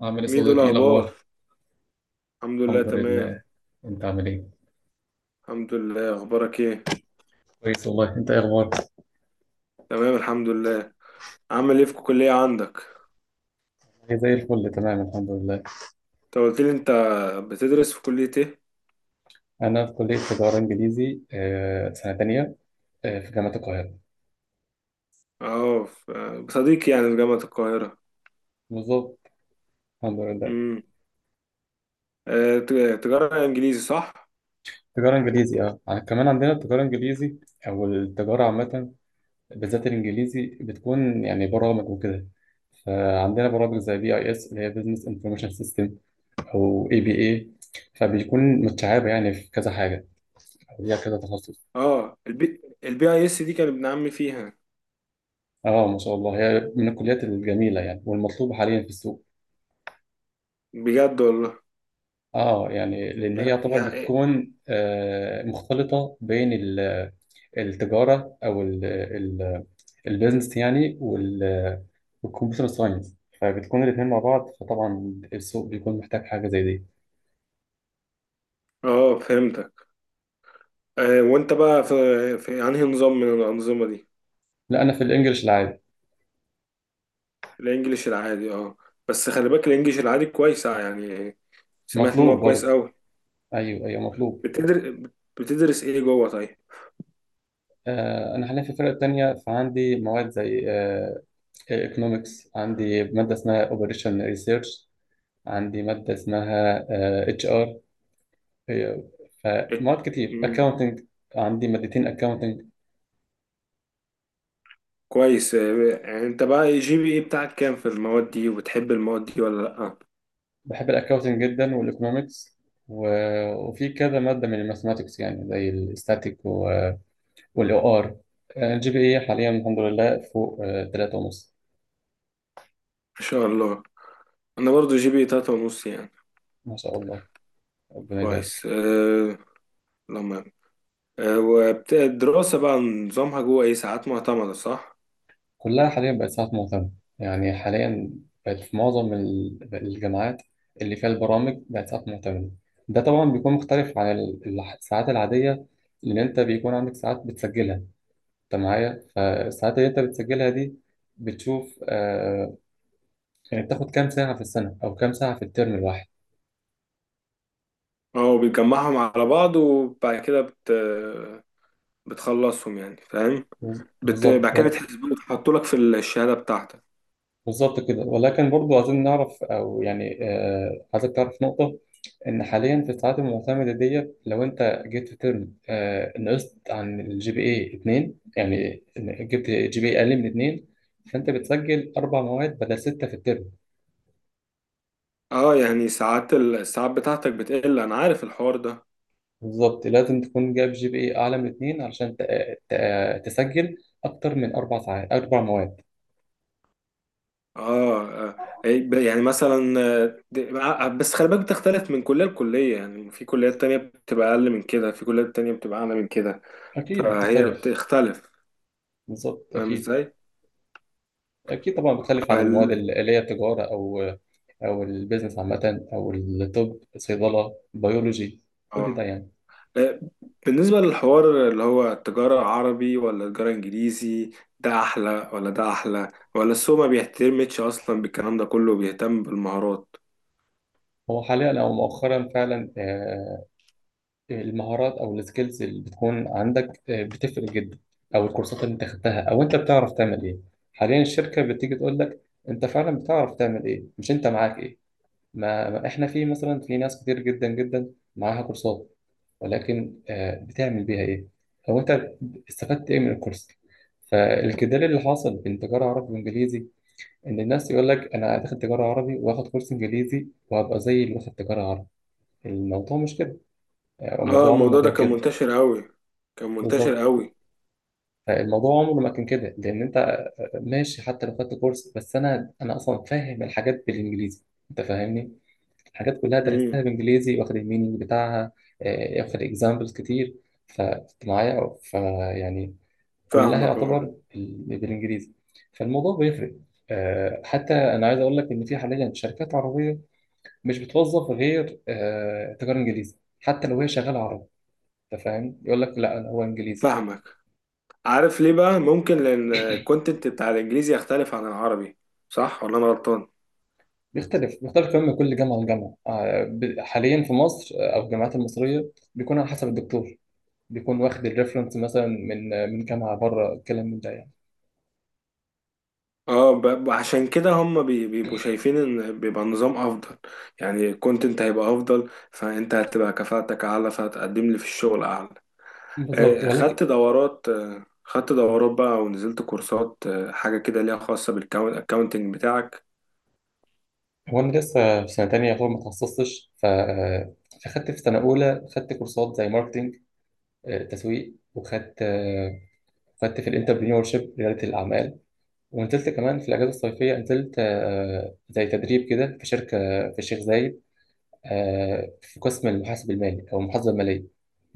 عامل ايه ميدو، صديقي؟ ايه الأخبار. الاخبار؟ الحمد لله، الحمد تمام. لله. انت عامل ايه؟ الحمد لله، أخبارك إيه؟ كويس والله. انت ايه اخبارك؟ تمام الحمد لله. عامل إيه في الكلية عندك؟ أنا زي الفل، تمام الحمد لله. أنت قلت لي، أنت بتدرس في كلية إيه؟ انا في كليه تجاره انجليزي، سنه تانية، في جامعه القاهره. بصديقي، يعني، في جامعة القاهرة. بالظبط، الحمد لله. امم. آه، ت- تجارة إنجليزي، صح؟ تجاره انجليزي، اه، كمان عندنا التجاره الانجليزي او التجاره عامه، بالذات الانجليزي بتكون يعني برامج وكده. فعندنا برامج زي بي اي اس اللي هي بزنس انفورميشن سيستم او اي بي اي. فبيكون متشعبه يعني في كذا حاجه او ليها كذا تخصص. أه، الـBIS، دي كان ابن عمي فيها. اه، ما شاء الله، هي من الكليات الجميله يعني، والمطلوبه حاليا في السوق. بجد والله. اه يعني لان هي يا، يعتبر يا. بتكون مختلطه بين التجاره، او البيزنس يعني، والكمبيوتر ساينس. فبتكون الاثنين مع بعض، فطبعا السوق بيكون محتاج حاجه زي دي. أه، فهمتك. أه، وأنت بقى في أنهي نظام من الأنظمة دي؟ لا، انا في الانجليش العادي. الانجليش العادي، اه. بس خلي بالك الانجليش العادي كويس، يعني، سمعت ان مطلوب هو كويس برضه، قوي. ايوه ايوه مطلوب. بتدر... بتدرس ايه جوه، طيب؟ انا حاليا في الفرقه الثانيه، فعندي مواد زي ايكونومكس، عندي ماده اسمها اوبريشن ريسيرش، عندي مادة اسمها اتش ار، إيه؟ فمواد كتير، مم. اكاونتنج، عندي مادتين اكاونتنج. كويس، يعني، انت بقى GPA بتاعك كام في المواد دي؟ وبتحب المواد دي ولا لا؟ ما بحب الاكاونتنج جدا والايكونومكس و... وفي كذا مادة من الماثماتكس يعني زي الاستاتيك والاو ار. الجي بي اي حاليا الحمد لله فوق تلاتة ونص. شاء الله. انا برضو GPA 3.5، يعني. ما شاء الله، ربنا يبارك. كويس. أه... لما أه... وبت... الدراسة بقى نظامها جوه ايه، ساعات معتمدة، صح؟ كلها حاليا بقت ساعات معتمدة، يعني حاليا بقت في معظم الجامعات اللي فيها البرامج، بقت ساعات معتمدة. ده طبعا بيكون مختلف عن الساعات العادية، لأن أنت بيكون عندك ساعات بتسجلها، أنت معايا؟ فالساعات اللي أنت بتسجلها دي بتشوف آه، يعني بتاخد كام ساعة في السنة أو كام ساعة في الترم الواحد. اه، بتجمعهم على بعض، وبعد كده بتخلصهم، يعني، فاهم. بالظبط. بعد كده بتحسبوه وتحطوا لك في الشهادة بتاعتك. بالظبط كده، ولكن برضو عايزين نعرف، او يعني آه، عايزك تعرف نقطة: ان حاليا في الساعات المعتمدة ديت، لو انت جبت في ترم آه نقصت عن الجي بي اي اتنين، يعني إن جبت جي بي اي اقل من اتنين، فانت بتسجل اربع مواد بدل ستة في الترم. اه، يعني ساعات الساعات بتاعتك بتقل. انا عارف الحوار ده. بالظبط، لازم تكون جايب جي بي اي اعلى من اتنين علشان تسجل اكتر من اربع ساعات، اربع مواد. اه. آه. يعني مثلا، بس خلي بالك، بتختلف من كلية لكلية، يعني في كليات تانية بتبقى أقل من كده، في كليات تانية بتبقى أعلى من كده. اكيد فهي بتختلف. بتختلف. بالظبط، فاهم اكيد. ازاي؟ اكيد طبعا بتختلف عن اه. المواد اللي هي تجارة، او او البيزنس عامه، او الطب، صيدله، بيولوجي، كل آه. ده يعني. آه، بالنسبة للحوار اللي هو التجارة عربي ولا التجارة إنجليزي، ده أحلى ولا ده أحلى، ولا السوق ما بيهتمش أصلا بالكلام ده كله، بيهتم بالمهارات؟ هو حاليا او مؤخرا فعلا المهارات او السكيلز اللي بتكون عندك بتفرق جدا، او الكورسات اللي انت خدتها، او انت بتعرف تعمل ايه. حاليا الشركه بتيجي تقول لك: انت فعلا بتعرف تعمل ايه؟ مش انت معاك ايه. ما احنا في مثلا، في ناس كتير جدا جدا معاها كورسات، ولكن بتعمل بيها ايه؟ او انت استفدت ايه من الكورس؟ فالجدال اللي حاصل بين تجاره عربي وانجليزي، ان الناس يقول لك انا داخل تجاره عربي، واخد كورس انجليزي، وهبقى زي اللي واخد تجاره عربي. الموضوع مش كده، يعني اه، الموضوع عمره ما الموضوع ده كان كان كده. منتشر قوي، كان بالظبط، منتشر قوي. الموضوع عمره ما كان كده. لان انت ماشي حتى لو خدت كورس، بس انا اصلا فاهم الحاجات بالانجليزي، انت فاهمني؟ الحاجات كلها امم. درستها بالانجليزي، واخد المينينج بتاعها، واخد اكزامبلز كتير، فكنت معايا، فيعني كلها فاهمك، يعتبر اه. بالانجليزي، فالموضوع بيفرق. حتى انا عايز اقول لك ان في حاليا شركات عربيه مش بتوظف غير تجار انجليزي، حتى لو هي شغاله عربي. انت فاهم؟ يقول لك لا، أنا هو انجليزي. فاهمك. عارف ليه بقى؟ ممكن لان الكونتنت بتاع الانجليزي يختلف عن العربي، صح ولا انا غلطان؟ بيختلف، بيختلف كمان من كل جامعه لجامعه، حاليا في مصر، او الجامعات المصريه بيكون على حسب الدكتور، بيكون واخد الريفرنس مثلا من من جامعه بره الكلام، من ده يعني. اه، عشان كده هم بيبقوا شايفين ان بيبقى النظام افضل، يعني الكونتنت هيبقى افضل، فانت هتبقى كفاءتك اعلى، فهتقدم لي في الشغل اعلى. بالظبط، ولكن خدت دورات بقى، ونزلت كورسات، حاجة كده ليها خاصة بالكاونتنج بتاعك؟ هو انا لسه في سنه تانية، يعتبر ما اتخصصتش ف فخدت في سنه اولى خدت كورسات زي ماركتنج، تسويق، وخدت خدت في الانتربرينور شيب، رياده الاعمال. ونزلت كمان في الأجازة الصيفية، نزلت زي تدريب كده في شركة في الشيخ زايد، في قسم المحاسب المالي أو المحاسبة المالية.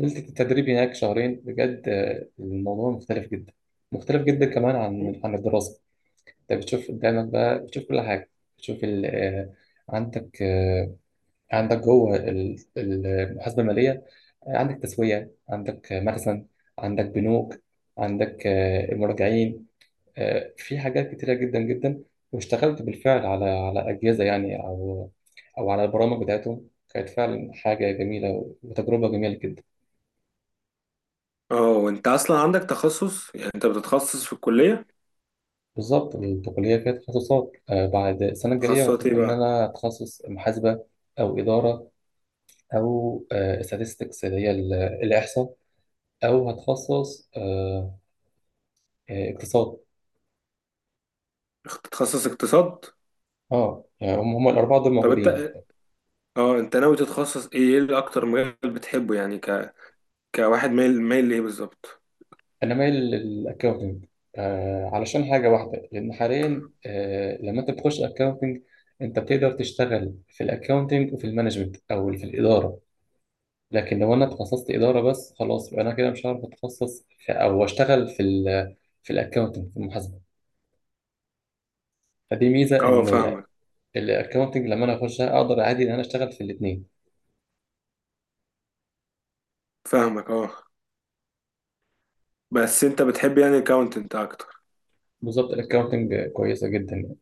نزلت التدريب هناك شهرين، بجد الموضوع مختلف جدا، مختلف جدا كمان عن الدراسة. أنت بتشوف قدامك بقى، بتشوف كل حاجة، بتشوف عندك عندك جوه المحاسبة المالية عندك تسوية، عندك مخزن، عندك بنوك، عندك المراجعين، في حاجات كتيرة جدا جدا. واشتغلت بالفعل على أجهزة يعني، أو أو على البرامج بتاعتهم. كانت فعلا حاجة جميلة وتجربة جميلة جدا. اه، وانت اصلا عندك تخصص؟ يعني انت بتتخصص في الكلية؟ بالظبط، البكالوريا كانت تخصصات، بعد السنة الجاية تخصصات المفروض ايه إن بقى؟ أنا أتخصص محاسبة، أو إدارة، أو استاتستكس اللي هي الإحصاء، أو هتخصص اقتصاد. تتخصص اقتصاد؟ أه يعني هم الأربعة دول طب موجودين. انت ناوي تتخصص ايه اللي اكتر مجال بتحبه، يعني، كواحد مايل، مايل لايه بالظبط؟ انا مايل للاكاونتنج، آه علشان حاجه واحده، لان حاليا آه لما انت بتخش اكاونتنج، انت بتقدر تشتغل في الاكاونتنج وفي المانجمنت او في الاداره. لكن لو انا اتخصصت اداره بس، خلاص، يبقى انا كده مش هعرف اتخصص في او اشتغل في في الاكاونتنج، في المحاسبه. فدي ميزه، اه، ان فاهمك. الاكاونتنج لما انا اخشها اقدر عادي ان انا اشتغل في الاثنين. فاهمك، اه. بس انت بتحب، يعني، الاكاونتنت اكتر؟ بالظبط، الاكاونتنج كويسه جدا.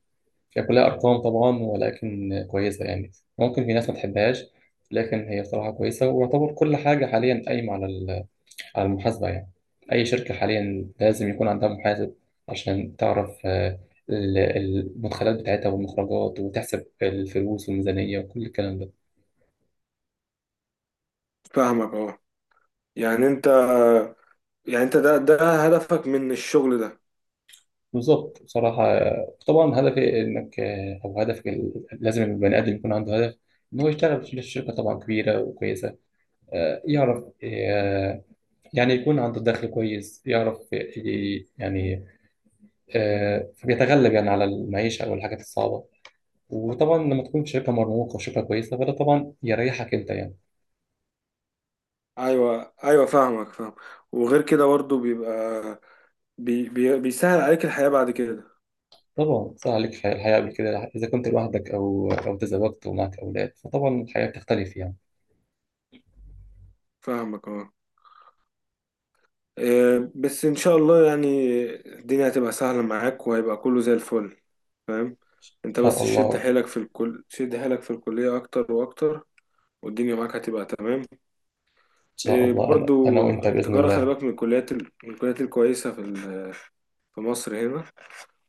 هي كلها أرقام طبعا ولكن كويسة يعني، ممكن في ناس ما تحبهاش، لكن هي بصراحة كويسة. ويعتبر كل حاجة حاليا قايمة على على المحاسبة يعني. أي شركة حاليا لازم يكون عندها محاسب عشان تعرف المدخلات بتاعتها والمخرجات، وتحسب الفلوس والميزانية وكل الكلام ده. فاهمك، اه. يعني انت ده هدفك من الشغل ده؟ بالظبط، بصراحة طبعا هدفي إنك أو هدفك لازم البني آدم يكون عنده هدف، إن هو يشتغل في شركة طبعا كبيرة وكويسة، يعرف يعني يكون عنده دخل كويس، يعرف يعني فبيتغلب يعني على المعيشة أو الحاجات الصعبة. وطبعا لما تكون شركة مرموقة وشركة كويسة، فده طبعا يريحك أنت يعني. ايوه، ايوه، فاهمك، فاهم. وغير كده برضه بيبقى بيسهل عليك الحياة بعد كده. طبعا صار عليك الحياة، الحياة قبل كده إذا كنت لوحدك، أو أو تزوجت ومعك أولاد، فطبعا الحياة بتختلف يعني. فاهمك، اه. بس ان شاء الله، يعني، الدنيا هتبقى سهلة معاك، وهيبقى كله زي الفل. فاهم. انت إن شاء بس شد الله، حيلك في الكل، شد حيلك في الكلية اكتر واكتر. والدنيا معاك هتبقى تمام. إن شاء الله، أنا أنا برضو وأنت بإذن التجارة، خلي الله. بالك، من الكليات من الكليات الكويسة في في مصر هنا.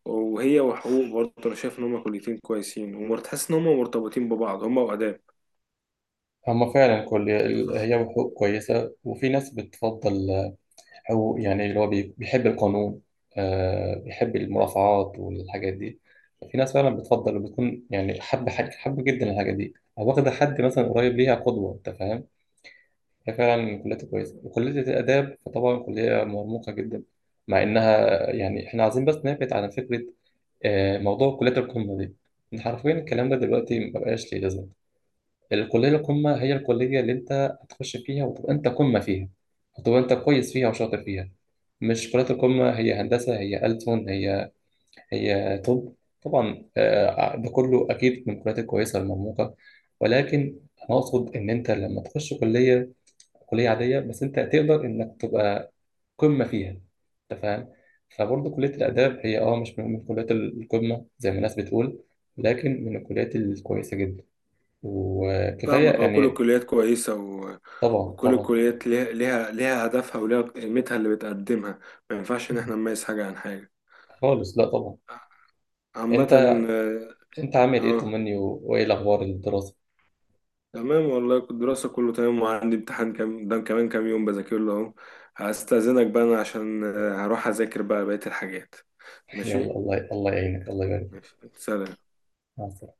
وهي وحقوق برضو، انا شايف ان هما كليتين كويسين، وتحس ان هما مرتبطين ببعض، هما وآداب. هما فعلا كل، هي حقوق كويسة، وفي ناس بتفضل، هو يعني اللي هو بيحب القانون، آه بيحب المرافعات والحاجات دي. في ناس فعلا بتفضل، بتكون يعني حب حاجة، حب جدا الحاجة دي، أو واخدة حد مثلا قريب ليها قدوة. أنت فاهم؟ هي فعلا كلية كويسة، وكلية الآداب فطبعا كلية مرموقة جدا، مع إنها يعني، إحنا عايزين بس نبعد عن فكرة موضوع كلية القمة دي، إن حرفيا الكلام ده دلوقتي مبقاش ليه لازمة. الكلية القمة هي الكلية اللي أنت هتخش فيها وتبقى أنت قمة فيها، وتبقى أنت كويس فيها وشاطر فيها. مش كلية القمة هي هندسة، هي ألسن، هي هي طب. طبعا ده كله أكيد من الكليات الكويسة المرموقة، ولكن أنا أقصد إن أنت لما تخش كلية، كلية عادية بس أنت تقدر إنك تبقى قمة فيها. أنت فاهم؟ فبرضه كلية الآداب هي أه مش من كليات القمة زي ما الناس بتقول، لكن من الكليات الكويسة جدا. وكفاية فاهمك، اه. كل يعني. الكليات كويسة طبعا وكل طبعا. الكليات ليها هدفها، وليها قيمتها اللي بتقدمها. ما ينفعش ان طبعا احنا نميز حاجة عن حاجة. خالص، لا طبعا. عامة. انت، اه. انت عامل ايه؟ آه، طمني، وايه الاخبار الدراسه؟ تمام والله، كنت الدراسة كله تمام، وعندي امتحان كام ده كمان كام يوم بذاكر له اهو. هستأذنك بقى، انا عشان هروح اذاكر بقى بقية الحاجات. يلا، ماشي. الله، الله يعينك، الله يبارك فيك. ماشي، سلام. مع